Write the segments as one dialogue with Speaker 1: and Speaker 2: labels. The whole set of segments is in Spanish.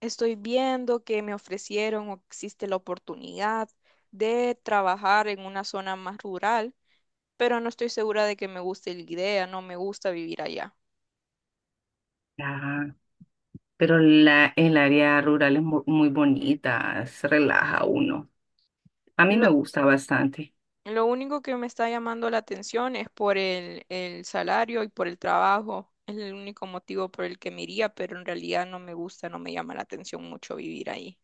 Speaker 1: Estoy viendo que me ofrecieron o existe la oportunidad de trabajar en una zona más rural, pero no estoy segura de que me guste la idea, no me gusta vivir allá.
Speaker 2: Ah, pero el área rural es muy bonita, se relaja uno. A mí
Speaker 1: Lo,
Speaker 2: me gusta bastante.
Speaker 1: lo único que me está llamando la atención es por el salario y por el trabajo. Es el único motivo por el que me iría, pero en realidad no me gusta, no me llama la atención mucho vivir ahí.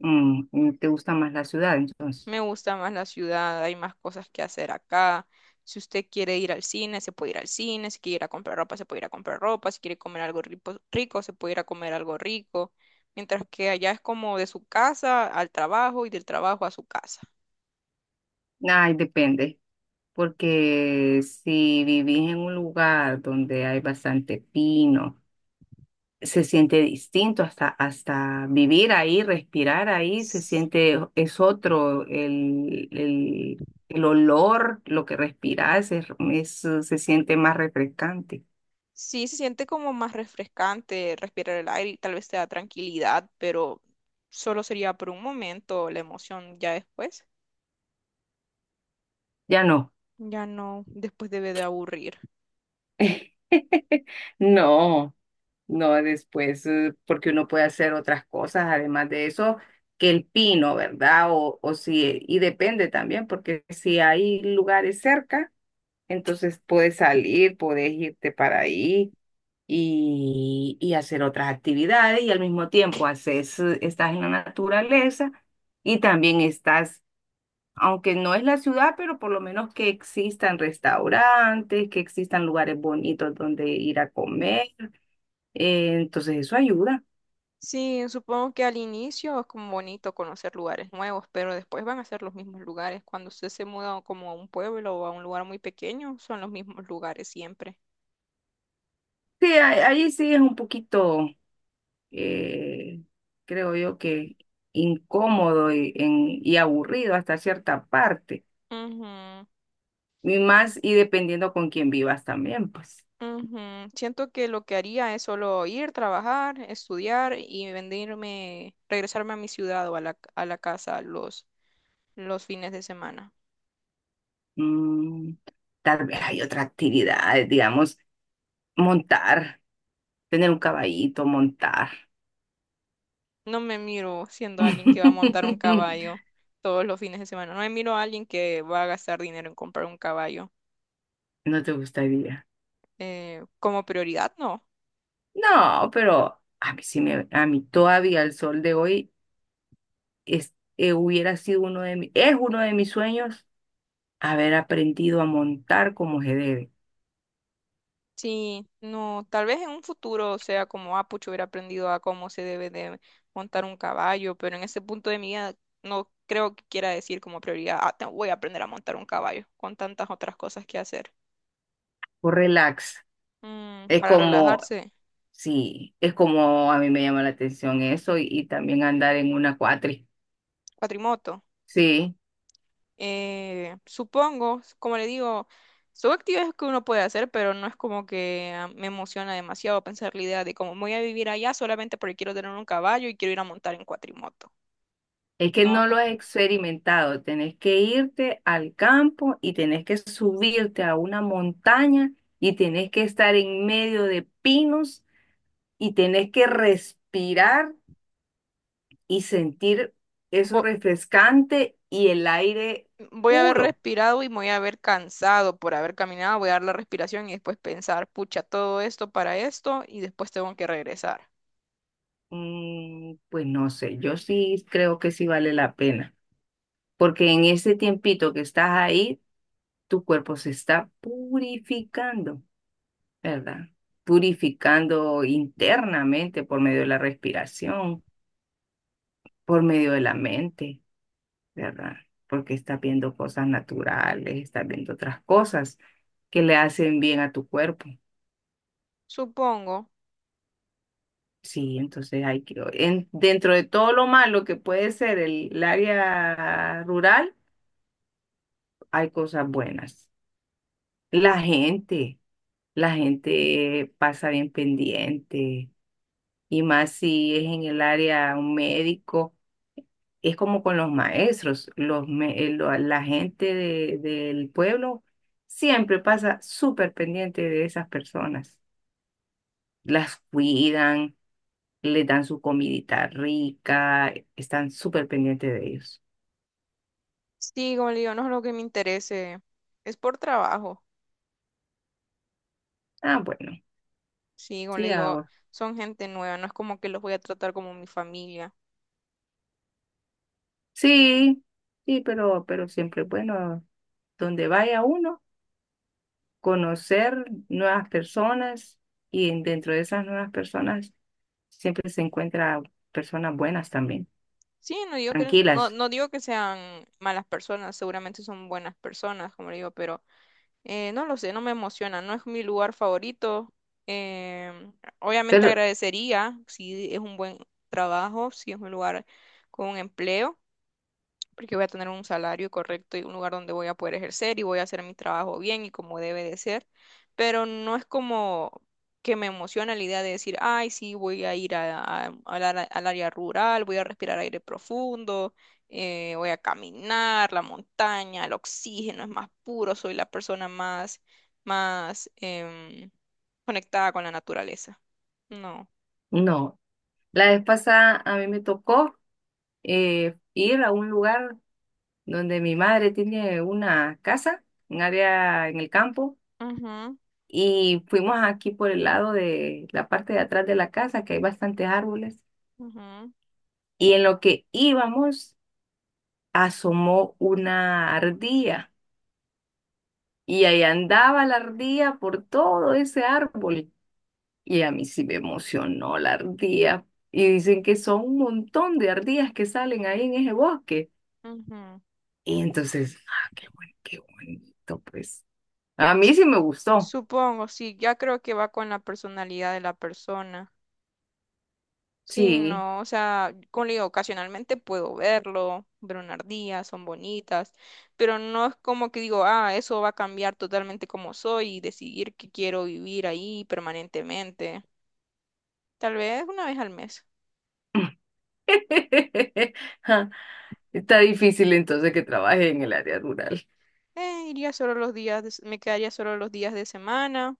Speaker 2: ¿Te gusta más la ciudad entonces?
Speaker 1: Me gusta más la ciudad, hay más cosas que hacer acá. Si usted quiere ir al cine, se puede ir al cine. Si quiere ir a comprar ropa, se puede ir a comprar ropa. Si quiere comer algo rico, rico, se puede ir a comer algo rico. Mientras que allá es como de su casa al trabajo y del trabajo a su casa.
Speaker 2: Ay, depende, porque si vivís en un lugar donde hay bastante pino, se siente distinto hasta vivir ahí, respirar ahí, se
Speaker 1: S-
Speaker 2: siente, es otro, el olor, lo que respirás, es, se siente más refrescante.
Speaker 1: Sí, se siente como más refrescante respirar el aire y tal vez te da tranquilidad, pero solo sería por un momento la emoción. Ya después,
Speaker 2: Ya no.
Speaker 1: ya no, después debe de aburrir.
Speaker 2: No, no después, porque uno puede hacer otras cosas, además de eso, que el pino, ¿verdad? O si, y depende también, porque si hay lugares cerca, entonces puedes salir, puedes irte para ahí y hacer otras actividades y al mismo tiempo haces, estás en la naturaleza y también estás, aunque no es la ciudad, pero por lo menos que existan restaurantes, que existan lugares bonitos donde ir a comer, entonces eso ayuda.
Speaker 1: Sí, supongo que al inicio es como bonito conocer lugares nuevos, pero después van a ser los mismos lugares. Cuando usted se muda como a un pueblo o a un lugar muy pequeño, son los mismos lugares siempre.
Speaker 2: Sí, ahí sí es un poquito, eh, creo yo que incómodo y, y aburrido hasta cierta parte.
Speaker 1: Ujú,
Speaker 2: Y más, y dependiendo con quién vivas también, pues.
Speaker 1: ujú. Siento que lo que haría es solo ir, trabajar, estudiar y venirme, regresarme a mi ciudad o a la casa los fines de semana.
Speaker 2: Mm, tal vez hay otra actividad, digamos, montar, tener un caballito, montar.
Speaker 1: No me miro siendo alguien que va a montar un caballo todos los fines de semana. No me miro a alguien que va a gastar dinero en comprar un caballo.
Speaker 2: ¿No te gustaría?
Speaker 1: Como prioridad, no.
Speaker 2: No, pero a mí sí me, a mí todavía el sol de hoy. Es, hubiera sido uno de es uno de mis sueños haber aprendido a montar como se debe,
Speaker 1: Sí, no, tal vez en un futuro sea como, ah, pucho, hubiera aprendido a cómo se debe de montar un caballo, pero en ese punto de mi vida no creo que quiera decir como prioridad, ah, voy a aprender a montar un caballo, con tantas otras cosas que hacer.
Speaker 2: por relax.
Speaker 1: Mm,
Speaker 2: Es
Speaker 1: para
Speaker 2: como,
Speaker 1: relajarse,
Speaker 2: sí, es como a mí me llama la atención eso y también andar en una cuatri.
Speaker 1: cuatrimoto.
Speaker 2: Sí,
Speaker 1: Supongo, como le digo, son actividades que uno puede hacer, pero no es como que ah, me emociona demasiado pensar la idea de cómo voy a vivir allá solamente porque quiero tener un caballo y quiero ir a montar en cuatrimoto.
Speaker 2: es que
Speaker 1: No,
Speaker 2: no
Speaker 1: acá.
Speaker 2: lo he experimentado. Tenés que irte al campo y tenés que subirte a una montaña y tenés que estar en medio de pinos y tenés que respirar y sentir eso
Speaker 1: Vo-
Speaker 2: refrescante y el aire
Speaker 1: Voy a haber
Speaker 2: puro.
Speaker 1: respirado y me voy a haber cansado por haber caminado, voy a dar la respiración y después pensar, pucha, todo esto para esto y después tengo que regresar.
Speaker 2: Mm, pues no sé, yo sí creo que sí vale la pena, porque en ese tiempito que estás ahí, tu cuerpo se está purificando, ¿verdad? Purificando internamente por medio de la respiración, por medio de la mente, ¿verdad? Porque estás viendo cosas naturales, estás viendo otras cosas que le hacen bien a tu cuerpo.
Speaker 1: Supongo.
Speaker 2: Sí, entonces hay que, dentro de todo lo malo que puede ser el área rural, hay cosas buenas. La gente, la gente pasa bien pendiente, y más si es en el área un médico, es como con los maestros, la gente del pueblo siempre pasa súper pendiente de esas personas. Las cuidan, les dan su comidita rica, están súper pendientes de ellos.
Speaker 1: Sí, como le digo, no es lo que me interese. Es por trabajo.
Speaker 2: Ah, bueno,
Speaker 1: Sí, como le
Speaker 2: sí
Speaker 1: digo,
Speaker 2: hago.
Speaker 1: son gente nueva, no es como que los voy a tratar como mi familia.
Speaker 2: Sí, sí, pero siempre es bueno donde vaya uno, conocer nuevas personas y dentro de esas nuevas personas siempre se encuentra personas buenas también,
Speaker 1: Sí, no digo que, no,
Speaker 2: tranquilas.
Speaker 1: no digo que sean malas personas, seguramente son buenas personas, como le digo, pero no lo sé, no me emociona, no es mi lugar favorito. Em, Obviamente
Speaker 2: Pero
Speaker 1: agradecería si es un buen trabajo, si es un lugar con un empleo porque voy a tener un salario correcto y un lugar donde voy a poder ejercer y voy a hacer mi trabajo bien y como debe de ser, pero no es como que me emociona la idea de decir, ay, sí, voy a ir al al área rural, voy a respirar aire profundo, voy a caminar, la montaña, el oxígeno es más puro, soy la persona más, más conectada con la naturaleza. No.
Speaker 2: no, la vez pasada a mí me tocó, ir a un lugar donde mi madre tiene una casa, un área en el campo,
Speaker 1: Ujú,
Speaker 2: y fuimos aquí por el lado de la parte de atrás de la casa, que hay bastantes árboles
Speaker 1: ujú,
Speaker 2: y en lo que íbamos asomó una ardilla y ahí andaba la ardilla por todo ese árbol y a mí sí me emocionó la ardilla y dicen que son un montón de ardillas que salen ahí en ese bosque
Speaker 1: ujú.
Speaker 2: y entonces, ah, qué bueno, qué bonito, pues a mí sí me gustó,
Speaker 1: Supongo, sí, ya creo que va con la personalidad de la persona. Sí,
Speaker 2: sí.
Speaker 1: no, o sea, como le digo, ocasionalmente puedo verlo, ver una ardilla, son bonitas, pero no es como que digo, ah, eso va a cambiar totalmente como soy y decidir que quiero vivir ahí permanentemente. Tal vez una vez al mes.
Speaker 2: Ja, está difícil entonces que trabaje en el área rural.
Speaker 1: Iría solo los días, me quedaría solo los días de semana,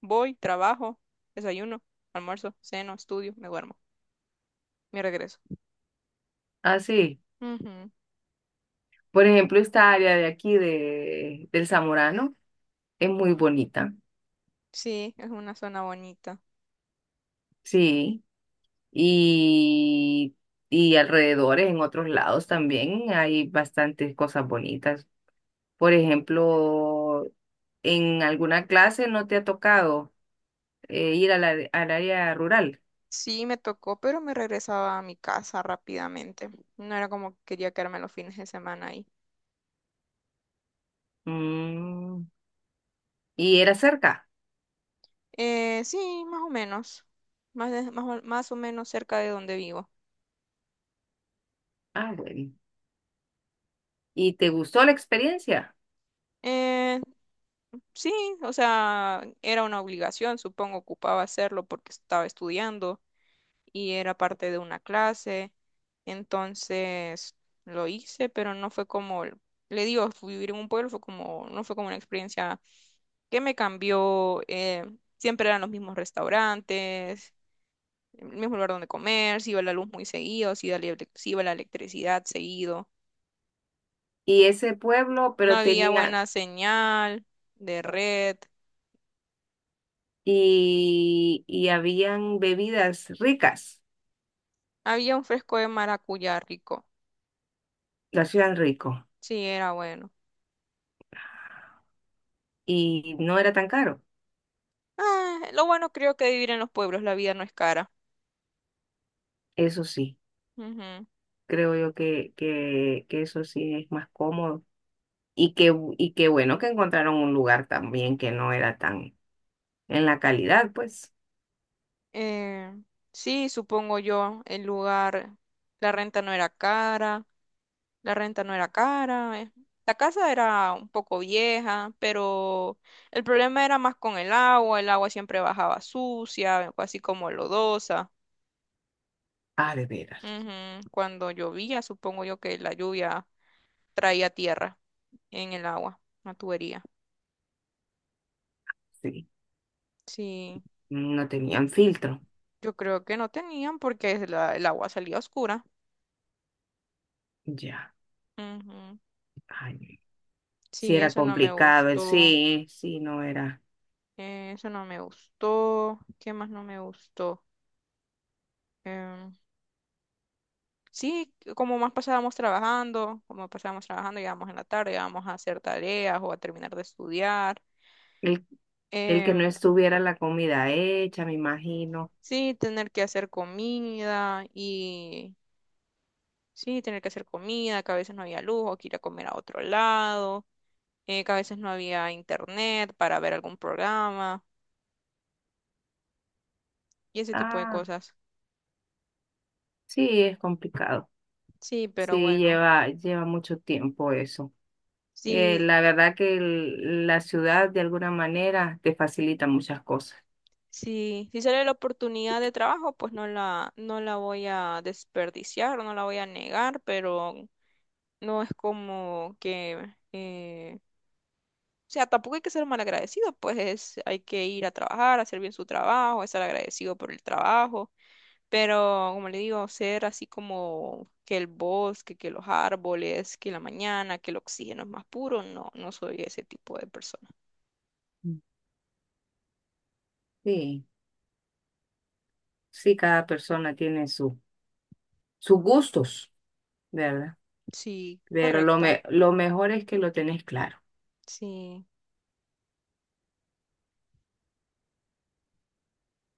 Speaker 1: voy, trabajo, desayuno, almuerzo, ceno, estudio, me duermo, me regreso.
Speaker 2: Ah, sí.
Speaker 1: Ujú.
Speaker 2: Por ejemplo, esta área de aquí del Zamorano. Es muy bonita,
Speaker 1: Sí, es una zona bonita.
Speaker 2: sí. Y, y alrededores, en otros lados también hay bastantes cosas bonitas. Por ejemplo, en alguna clase no te ha tocado, ir a al área rural.
Speaker 1: Sí, me tocó, pero me regresaba a mi casa rápidamente. No era como que quería quedarme los fines de semana ahí.
Speaker 2: Mm, y era cerca.
Speaker 1: Sí, más o menos. Más, más, o más o menos cerca de donde vivo.
Speaker 2: Ah, bueno. Y te gustó la experiencia.
Speaker 1: Eh, sí, o sea, era una obligación, supongo, ocupaba hacerlo porque estaba estudiando y era parte de una clase. Entonces lo hice, pero no fue como, le digo, fui vivir en un pueblo fue como, no fue como una experiencia que me cambió. Siempre eran los mismos restaurantes, el mismo lugar donde comer, si iba la luz muy seguido, si iba la, se iba la electricidad seguido.
Speaker 2: Y ese pueblo,
Speaker 1: No
Speaker 2: pero
Speaker 1: había
Speaker 2: tenía,
Speaker 1: buena señal de red.
Speaker 2: y habían bebidas ricas,
Speaker 1: Había un fresco de maracuyá rico.
Speaker 2: lo hacían rico.
Speaker 1: Sí, era bueno.
Speaker 2: Y no era tan caro,
Speaker 1: Ah, lo bueno creo que vivir en los pueblos, la vida no es cara.
Speaker 2: eso sí.
Speaker 1: Ujú.
Speaker 2: Creo yo que, que eso sí es más cómodo. Y que bueno que encontraron un lugar también que no era tan en la calidad, pues.
Speaker 1: Eh, sí, supongo yo, el lugar, la renta no era cara, la renta no era cara. La casa era un poco vieja, pero el problema era más con el agua siempre bajaba sucia, así como lodosa.
Speaker 2: Ah, de veras,
Speaker 1: Ujú. Cuando llovía, supongo yo que la lluvia traía tierra en el agua, la tubería.
Speaker 2: sí.
Speaker 1: Sí,
Speaker 2: No tenían filtro.
Speaker 1: yo creo que no tenían porque el agua salía oscura.
Speaker 2: Ya.
Speaker 1: Ujú.
Speaker 2: Ay, sí
Speaker 1: Sí,
Speaker 2: era
Speaker 1: eso no me
Speaker 2: complicado.
Speaker 1: gustó.
Speaker 2: Sí, sí, no era.
Speaker 1: Eso no me gustó. ¿Qué más no me gustó? Em, sí, como más pasábamos trabajando, como pasábamos trabajando, llegábamos en la tarde, íbamos a hacer tareas o a terminar de estudiar.
Speaker 2: El, el que no
Speaker 1: Em,
Speaker 2: estuviera la comida hecha, me imagino.
Speaker 1: sí, tener que hacer comida y sí, tener que hacer comida, que a veces no había luz o que ir a comer a otro lado, que a veces no había internet para ver algún programa y ese tipo de
Speaker 2: Ah,
Speaker 1: cosas.
Speaker 2: sí, es complicado.
Speaker 1: Sí, pero
Speaker 2: Sí,
Speaker 1: bueno.
Speaker 2: lleva mucho tiempo eso.
Speaker 1: Sí,
Speaker 2: La verdad que la ciudad de alguna manera te facilita muchas cosas.
Speaker 1: si si sale la oportunidad de trabajo, pues no la voy a desperdiciar, no la voy a negar, pero no es como que, o sea, tampoco hay que ser malagradecido, pues hay que ir a trabajar, hacer bien su trabajo, estar agradecido por el trabajo, pero como le digo, ser así como que el bosque, que los árboles, que la mañana, que el oxígeno es más puro, no, no soy ese tipo de persona.
Speaker 2: Mm. Sí, sí, cada persona tiene su, sus gustos, ¿verdad?
Speaker 1: Sí,
Speaker 2: Pero lo,
Speaker 1: correcto,
Speaker 2: lo mejor es que lo tenés claro.
Speaker 1: sí.